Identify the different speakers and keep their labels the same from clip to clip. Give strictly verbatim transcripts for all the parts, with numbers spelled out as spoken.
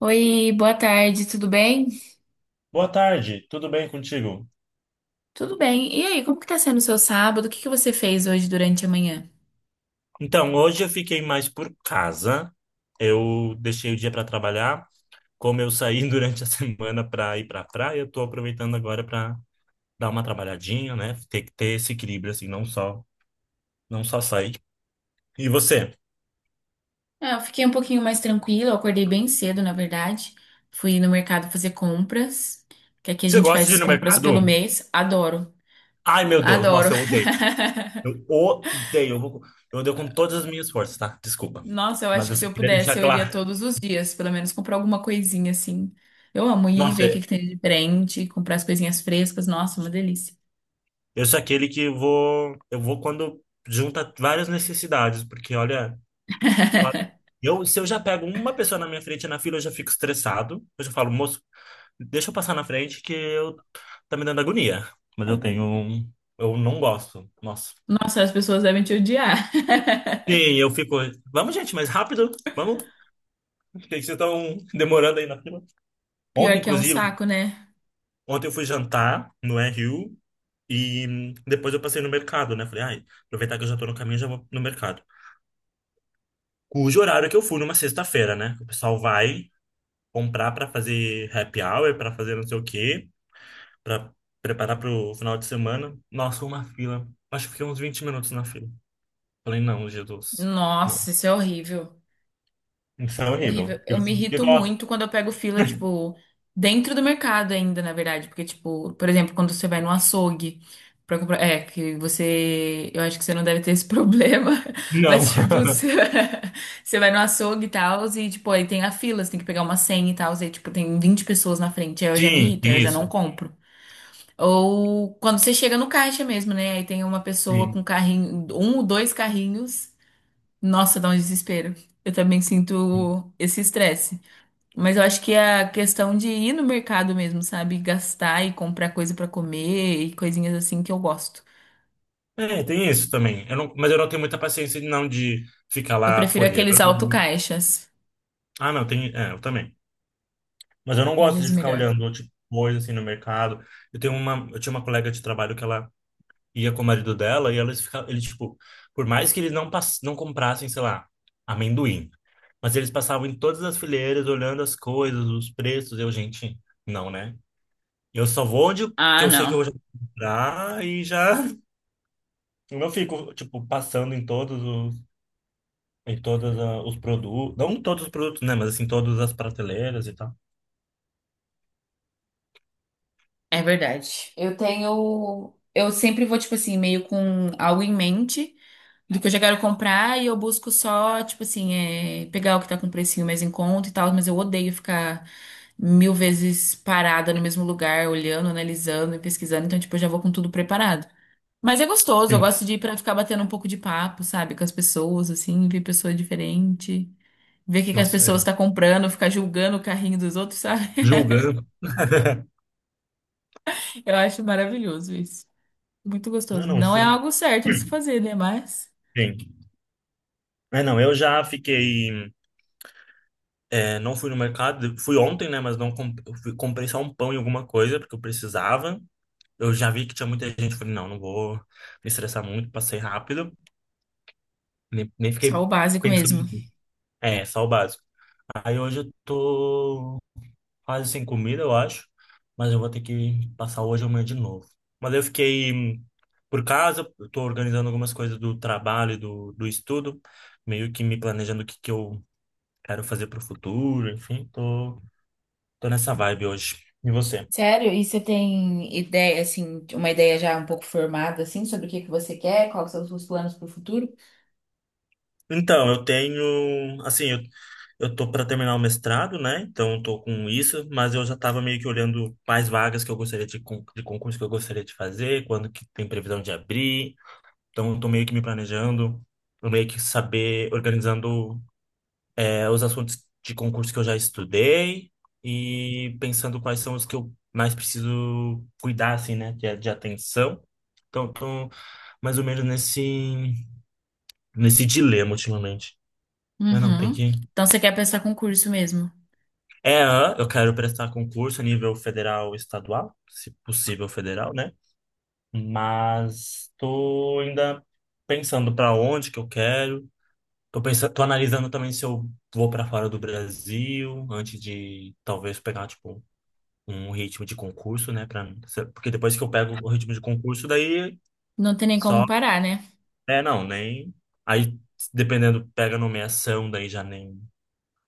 Speaker 1: Oi, boa tarde, tudo bem?
Speaker 2: Boa tarde, tudo bem contigo?
Speaker 1: Tudo bem. E aí, como que tá sendo o seu sábado? O que que você fez hoje durante a manhã?
Speaker 2: Então, hoje eu fiquei mais por casa. Eu deixei o dia para trabalhar. Como eu saí durante a semana para ir para a praia, eu tô aproveitando agora para dar uma trabalhadinha, né? Tem que ter esse equilíbrio assim, não só, não só sair. E você?
Speaker 1: Ah, eu fiquei um pouquinho mais tranquila, eu acordei bem cedo, na verdade. Fui no mercado fazer compras, que aqui a
Speaker 2: Você
Speaker 1: gente
Speaker 2: gosta
Speaker 1: faz
Speaker 2: de ir
Speaker 1: as
Speaker 2: no
Speaker 1: compras pelo
Speaker 2: mercado?
Speaker 1: mês. Adoro,
Speaker 2: Ai, meu Deus,
Speaker 1: adoro.
Speaker 2: nossa, eu odeio. Eu odeio. Eu vou- eu odeio com todas as minhas forças, tá? Desculpa.
Speaker 1: Nossa, eu
Speaker 2: Mas
Speaker 1: acho
Speaker 2: eu
Speaker 1: que se
Speaker 2: só
Speaker 1: eu
Speaker 2: queria deixar
Speaker 1: pudesse, eu iria
Speaker 2: claro.
Speaker 1: todos os dias, pelo menos comprar alguma coisinha assim. Eu amo ir
Speaker 2: Nossa,
Speaker 1: ver o que que tem de diferente, comprar as coisinhas frescas. Nossa, uma delícia.
Speaker 2: eu sou aquele que vou, eu vou quando junta várias necessidades, porque olha, fa- eu, se eu já pego uma pessoa na minha frente na fila, eu já fico estressado. Eu já falo, moço, deixa eu passar na frente que eu tá me dando agonia. Mas eu tenho, um- eu não gosto. Nossa.
Speaker 1: Nossa, as pessoas devem te odiar.
Speaker 2: Sim, eu fico, vamos gente, mais rápido, vamos, por que que vocês estão demorando aí na fila.
Speaker 1: Pior
Speaker 2: Ontem,
Speaker 1: que é um
Speaker 2: inclusive,
Speaker 1: saco, né?
Speaker 2: ontem eu fui jantar no Rio e hum, depois eu passei no mercado, né? Falei, ai, aproveitar que eu já tô no caminho, já vou no mercado, cujo horário que eu fui numa sexta-feira, né? O pessoal vai comprar para fazer happy hour, para fazer não sei o quê, para preparar para o final de semana. Nossa, uma fila. Acho que fiquei uns vinte minutos na fila. Falei, não, Jesus, não.
Speaker 1: Nossa, isso é horrível.
Speaker 2: Isso é horrível.
Speaker 1: Horrível.
Speaker 2: E
Speaker 1: Eu
Speaker 2: você
Speaker 1: me
Speaker 2: diz que
Speaker 1: irrito
Speaker 2: gosta?
Speaker 1: muito quando eu pego fila, tipo, dentro do mercado ainda, na verdade. Porque, tipo, por exemplo, quando você vai no açougue pra comprar. É, que você. Eu acho que você não deve ter esse problema.
Speaker 2: Não.
Speaker 1: Mas, tipo, você, você vai no açougue e tal, e, tipo, aí tem a fila, você tem que pegar uma senha e tal, e, tipo, tem vinte pessoas na frente. Aí eu já me
Speaker 2: Sim,
Speaker 1: irrito, aí eu
Speaker 2: tem
Speaker 1: já não
Speaker 2: isso.
Speaker 1: compro. Ou quando você chega no caixa mesmo, né? Aí tem uma pessoa com
Speaker 2: Sim.
Speaker 1: carrinho, um ou dois carrinhos. Nossa, dá um desespero. Eu também
Speaker 2: Sim.
Speaker 1: sinto esse estresse. Mas eu acho que é a questão de ir no mercado mesmo, sabe? Gastar e comprar coisa pra comer e coisinhas assim que eu gosto.
Speaker 2: É, tem isso também. Eu não, mas eu não tenho muita paciência não de ficar
Speaker 1: Eu
Speaker 2: lá
Speaker 1: prefiro
Speaker 2: folheando.
Speaker 1: aqueles autocaixas.
Speaker 2: Ah, não, tem, é, eu também. Mas eu não
Speaker 1: Mil
Speaker 2: gosto de
Speaker 1: vezes
Speaker 2: ficar
Speaker 1: melhor.
Speaker 2: olhando tipo coisa assim no mercado. Eu tenho uma, eu tinha uma colega de trabalho que ela ia com o marido dela e eles ficavam, eles tipo, por mais que eles não pass não comprassem, sei lá, amendoim, mas eles passavam em todas as fileiras olhando as coisas, os preços, eu, gente, não, né? Eu só vou onde que
Speaker 1: Ah,
Speaker 2: eu sei que eu
Speaker 1: não.
Speaker 2: vou comprar e já eu não fico tipo passando em todos os em todos ah, os produtos, não em todos os produtos, né, mas assim todas as prateleiras e tal.
Speaker 1: É verdade. Eu tenho. Eu sempre vou, tipo assim, meio com algo em mente. Do que eu já quero comprar e eu busco só, tipo assim, é, pegar o que tá com precinho mais em conta e tal, mas eu odeio ficar mil vezes parada no mesmo lugar, olhando, analisando e pesquisando, então, tipo, eu já vou com tudo preparado. Mas é gostoso, eu
Speaker 2: Sim.
Speaker 1: gosto de ir pra ficar batendo um pouco de papo, sabe, com as pessoas, assim, ver pessoa diferente, ver o que que as
Speaker 2: Nossa, é,
Speaker 1: pessoas
Speaker 2: não.
Speaker 1: estão comprando, ficar julgando o carrinho dos outros, sabe?
Speaker 2: Julgando.
Speaker 1: Eu acho maravilhoso isso. Muito
Speaker 2: Não,
Speaker 1: gostoso.
Speaker 2: não,
Speaker 1: Não
Speaker 2: isso.
Speaker 1: é algo certo de se fazer, né? Mas
Speaker 2: Sim. É, não, eu já fiquei É, não fui no mercado, fui ontem, né? Mas não comp- eu fui- comprei só um pão e alguma coisa, porque eu precisava. Eu já vi que tinha muita gente, falei, não, não vou me estressar muito, passei rápido, nem, nem
Speaker 1: só
Speaker 2: fiquei
Speaker 1: o básico
Speaker 2: pensando.
Speaker 1: mesmo.
Speaker 2: muito. É, só o básico. Aí hoje eu tô quase sem comida, eu acho, mas eu vou ter que passar hoje e amanhã de novo. Mas eu fiquei hum, por casa, eu tô organizando algumas coisas do trabalho, e do, do estudo, meio que me planejando o que que eu quero fazer pro futuro, enfim, tô. Tô nessa vibe hoje. E você?
Speaker 1: Sério? E você tem ideia, assim, de- uma ideia já um pouco formada, assim, sobre o que que você quer, quais são os seus planos para o futuro?
Speaker 2: Então, eu tenho, assim, eu, eu tô para terminar o mestrado, né? Então, eu tô com isso, mas eu já tava meio que olhando quais vagas que eu gostaria de, con- de concurso que eu gostaria de fazer, quando que tem previsão de abrir. Então, eu tô meio que me planejando, eu meio que saber, organizando, é, os assuntos de concurso que eu já estudei e pensando quais são os que eu mais preciso cuidar, assim, né? De, de atenção. Então, eu tô mais ou menos nesse. nesse dilema ultimamente. Eu não tem
Speaker 1: Uhum.
Speaker 2: que.
Speaker 1: Então você quer prestar concurso mesmo?
Speaker 2: É, ah, eu quero prestar concurso a nível federal e estadual, se possível federal, né? Mas tô ainda pensando para onde que eu quero. Tô pensando, tô analisando também se eu vou para fora do Brasil antes de talvez pegar tipo um ritmo de concurso, né, para porque depois que eu pego o ritmo de concurso daí
Speaker 1: Não tem nem como
Speaker 2: só
Speaker 1: parar, né?
Speaker 2: é não, nem aí dependendo pega nomeação daí já nem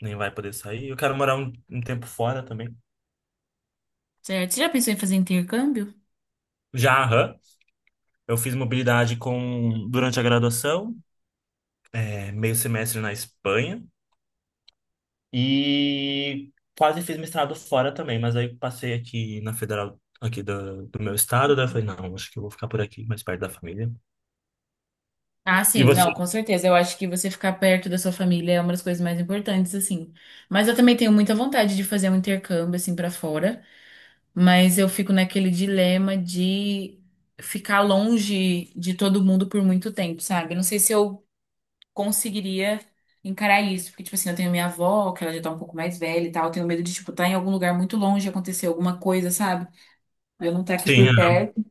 Speaker 2: nem vai poder sair. Eu quero morar um, um tempo fora também.
Speaker 1: Certo? Você já pensou em fazer intercâmbio?
Speaker 2: Já, aham, eu fiz mobilidade com durante a graduação, é, meio semestre na Espanha e quase fiz mestrado fora também, mas aí passei aqui na Federal aqui do, do meu estado, daí eu falei, não, acho que eu vou ficar por aqui, mais perto da família.
Speaker 1: Ah,
Speaker 2: E
Speaker 1: sim,
Speaker 2: você?
Speaker 1: não, com certeza. Eu acho que você ficar perto da sua família é uma das coisas mais importantes, assim. Mas eu também tenho muita vontade de fazer um intercâmbio, assim, pra fora. Mas eu fico naquele dilema de ficar longe de todo mundo por muito tempo, sabe? Eu não sei se eu conseguiria encarar isso, porque, tipo assim, eu tenho minha avó, que ela já tá um pouco mais velha e tal, eu tenho medo de, tipo, estar em algum lugar muito longe, acontecer alguma coisa, sabe? Eu não estar aqui
Speaker 2: Sim,
Speaker 1: por
Speaker 2: aham,
Speaker 1: perto.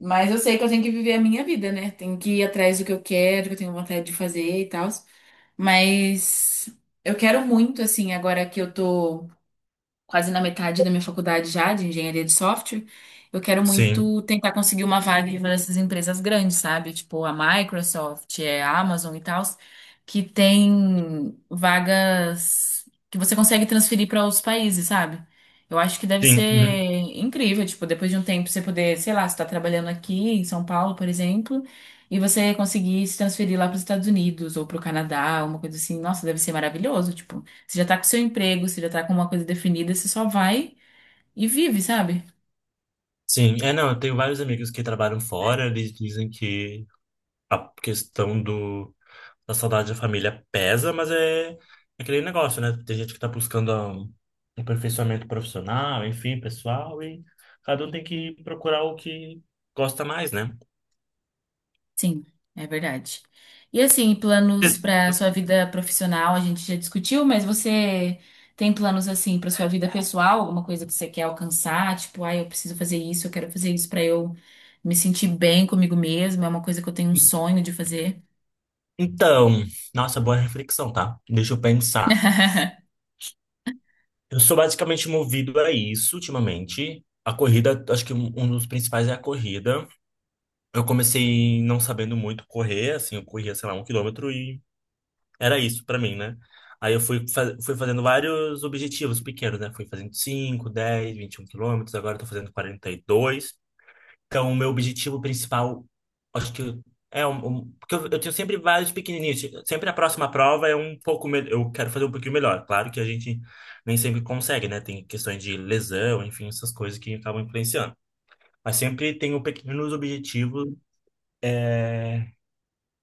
Speaker 1: Mas eu sei que eu tenho que viver a minha vida, né? Tenho que ir atrás do que eu quero, que eu tenho vontade de fazer e tal. Mas eu quero muito, assim, agora que eu tô quase na metade da minha faculdade já, de engenharia de software, eu quero
Speaker 2: sim,
Speaker 1: muito tentar conseguir uma vaga em uma dessas empresas grandes, sabe? Tipo a Microsoft, é, a Amazon e tal, que tem vagas que você consegue transferir para outros países, sabe? Eu acho que deve
Speaker 2: sim, uhum,
Speaker 1: ser incrível, tipo, depois de um tempo você poder, sei lá, você tá trabalhando aqui em São Paulo, por exemplo, e você conseguir se transferir lá para os Estados Unidos ou para o Canadá, uma coisa assim. Nossa, deve ser maravilhoso, tipo. Você já tá com seu emprego, você já tá com uma coisa definida, você só vai e vive, sabe?
Speaker 2: sim. É, não, eu tenho vários amigos que trabalham fora, eles dizem que a questão do a saudade da família pesa, mas é, é aquele negócio, né? Tem gente que tá buscando ah, um aperfeiçoamento profissional, enfim, pessoal, e cada um tem que procurar o que gosta mais, né?
Speaker 1: Sim, é verdade. E assim, planos para sua vida profissional, a gente já discutiu, mas você tem planos assim para sua vida pessoal, alguma coisa que você quer alcançar, tipo, ah, eu preciso fazer isso, eu quero fazer isso para eu me sentir bem comigo mesma, é uma coisa que eu tenho um sonho de fazer.
Speaker 2: Então, nossa, boa reflexão, tá? Deixa eu pensar. Eu sou basicamente movido a isso ultimamente. A corrida, acho que um um dos principais é a corrida. Eu comecei não sabendo muito correr, assim, eu corria, sei lá, um quilômetro. Era isso pra mim, né? Aí eu fui, fa- fui fazendo vários objetivos pequenos, né? Fui fazendo cinco, dez, vinte e um quilômetros, agora eu tô fazendo quarenta e dois. Então, o meu objetivo principal, acho que é um, um- porque eu, eu tenho sempre vários pequenininhos. Sempre a próxima prova é um pouco melhor, eu quero fazer um pouquinho melhor. Claro que a gente nem sempre consegue, né? Tem questões de lesão, enfim, essas coisas que acabam influenciando. Mas sempre tenho pequenos objetivos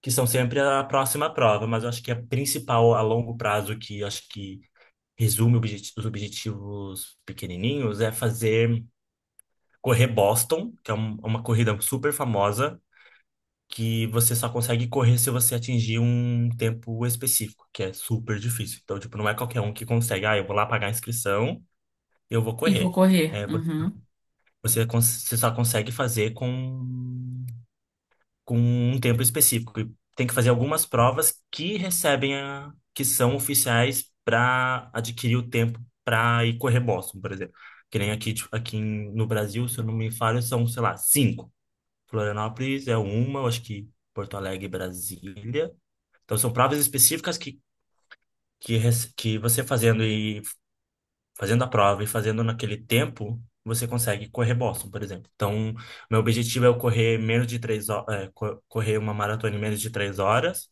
Speaker 2: que são sempre a próxima prova, mas eu acho que a principal a longo prazo que acho que resume objet- os objetivos pequenininhos, é fazer correr Boston, que é um- uma corrida super famosa, que você só consegue correr se você atingir um tempo específico, que é super difícil. Então, tipo, não é qualquer um que consegue, ah, eu vou lá pagar a inscrição, eu vou
Speaker 1: E vou
Speaker 2: correr.
Speaker 1: correr.
Speaker 2: É, vo-
Speaker 1: Uhum.
Speaker 2: você, cons- você só consegue fazer com com um tempo específico. E tem que fazer algumas provas que recebem a, que são oficiais para adquirir o tempo para ir correr Boston, por exemplo. Que nem aqui, tipo, aqui em- no Brasil, se eu não me falho, são, sei lá, cinco. Florianópolis é uma, eu acho que Porto Alegre e Brasília. Então são provas específicas que, que, rece- que você fazendo e fazendo a prova e fazendo naquele tempo, você consegue correr Boston, por exemplo. Então, meu objetivo é eu correr menos de três horas, correr uma maratona em menos de três horas,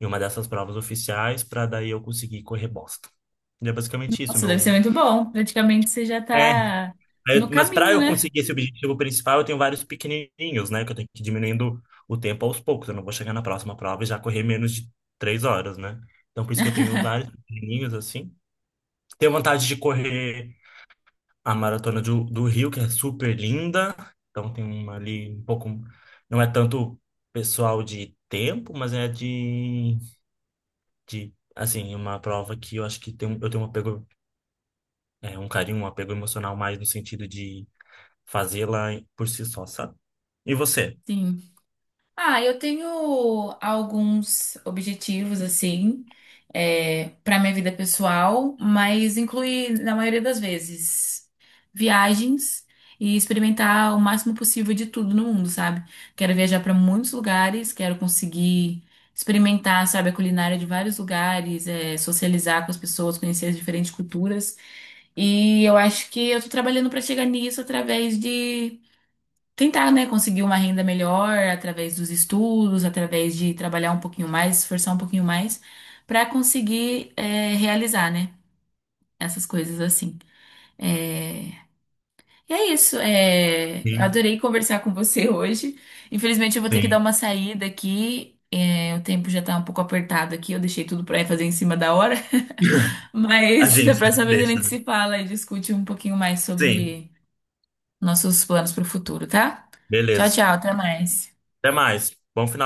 Speaker 2: em uma dessas provas oficiais, para daí eu conseguir correr Boston. E é basicamente isso,
Speaker 1: Nossa, deve ser
Speaker 2: meu.
Speaker 1: muito bom. Praticamente você já
Speaker 2: É,
Speaker 1: tá
Speaker 2: é,
Speaker 1: no
Speaker 2: mas para
Speaker 1: caminho,
Speaker 2: eu
Speaker 1: né?
Speaker 2: conseguir esse objetivo principal, eu tenho vários pequenininhos, né? Que eu tenho que ir diminuindo o tempo aos poucos. Eu não vou chegar na próxima prova e já correr menos de três horas, né? Então, por isso que eu tenho vários pequenininhos, assim. Tenho vontade de correr a maratona do, do Rio, que é super linda. Então tem uma ali um pouco. Não é tanto pessoal de tempo, mas é de, de assim, uma prova que eu acho que tem, um- eu tenho um apego, é, um carinho, um apego emocional mais no sentido de fazê-la por si só, sabe? E você?
Speaker 1: Sim. Ah, eu tenho alguns objetivos, assim, é, para minha vida pessoal, mas inclui, na maioria das vezes, viagens e experimentar o máximo possível de tudo no mundo, sabe? Quero viajar para muitos lugares, quero conseguir experimentar, sabe, a culinária de vários lugares, é, socializar com as pessoas, conhecer as diferentes culturas. E eu acho que eu tô trabalhando para chegar nisso através de tentar, né, conseguir uma renda melhor através dos estudos, através de trabalhar um pouquinho mais, esforçar um pouquinho mais, para conseguir é, realizar, né, essas coisas assim. É, e é isso. É... eu
Speaker 2: Sim,
Speaker 1: adorei conversar com você hoje. Infelizmente, eu vou ter que dar
Speaker 2: sim.
Speaker 1: uma saída aqui. É, o tempo já tá um pouco apertado aqui, eu deixei tudo pra fazer em cima da hora,
Speaker 2: A
Speaker 1: mas
Speaker 2: gente
Speaker 1: da
Speaker 2: sempre
Speaker 1: próxima vez a
Speaker 2: deixa,
Speaker 1: gente
Speaker 2: né?
Speaker 1: se fala e discute um pouquinho mais
Speaker 2: Sim,
Speaker 1: sobre nossos planos pro futuro, tá? Tchau,
Speaker 2: beleza.
Speaker 1: tchau, até mais.
Speaker 2: Até mais. Bom final.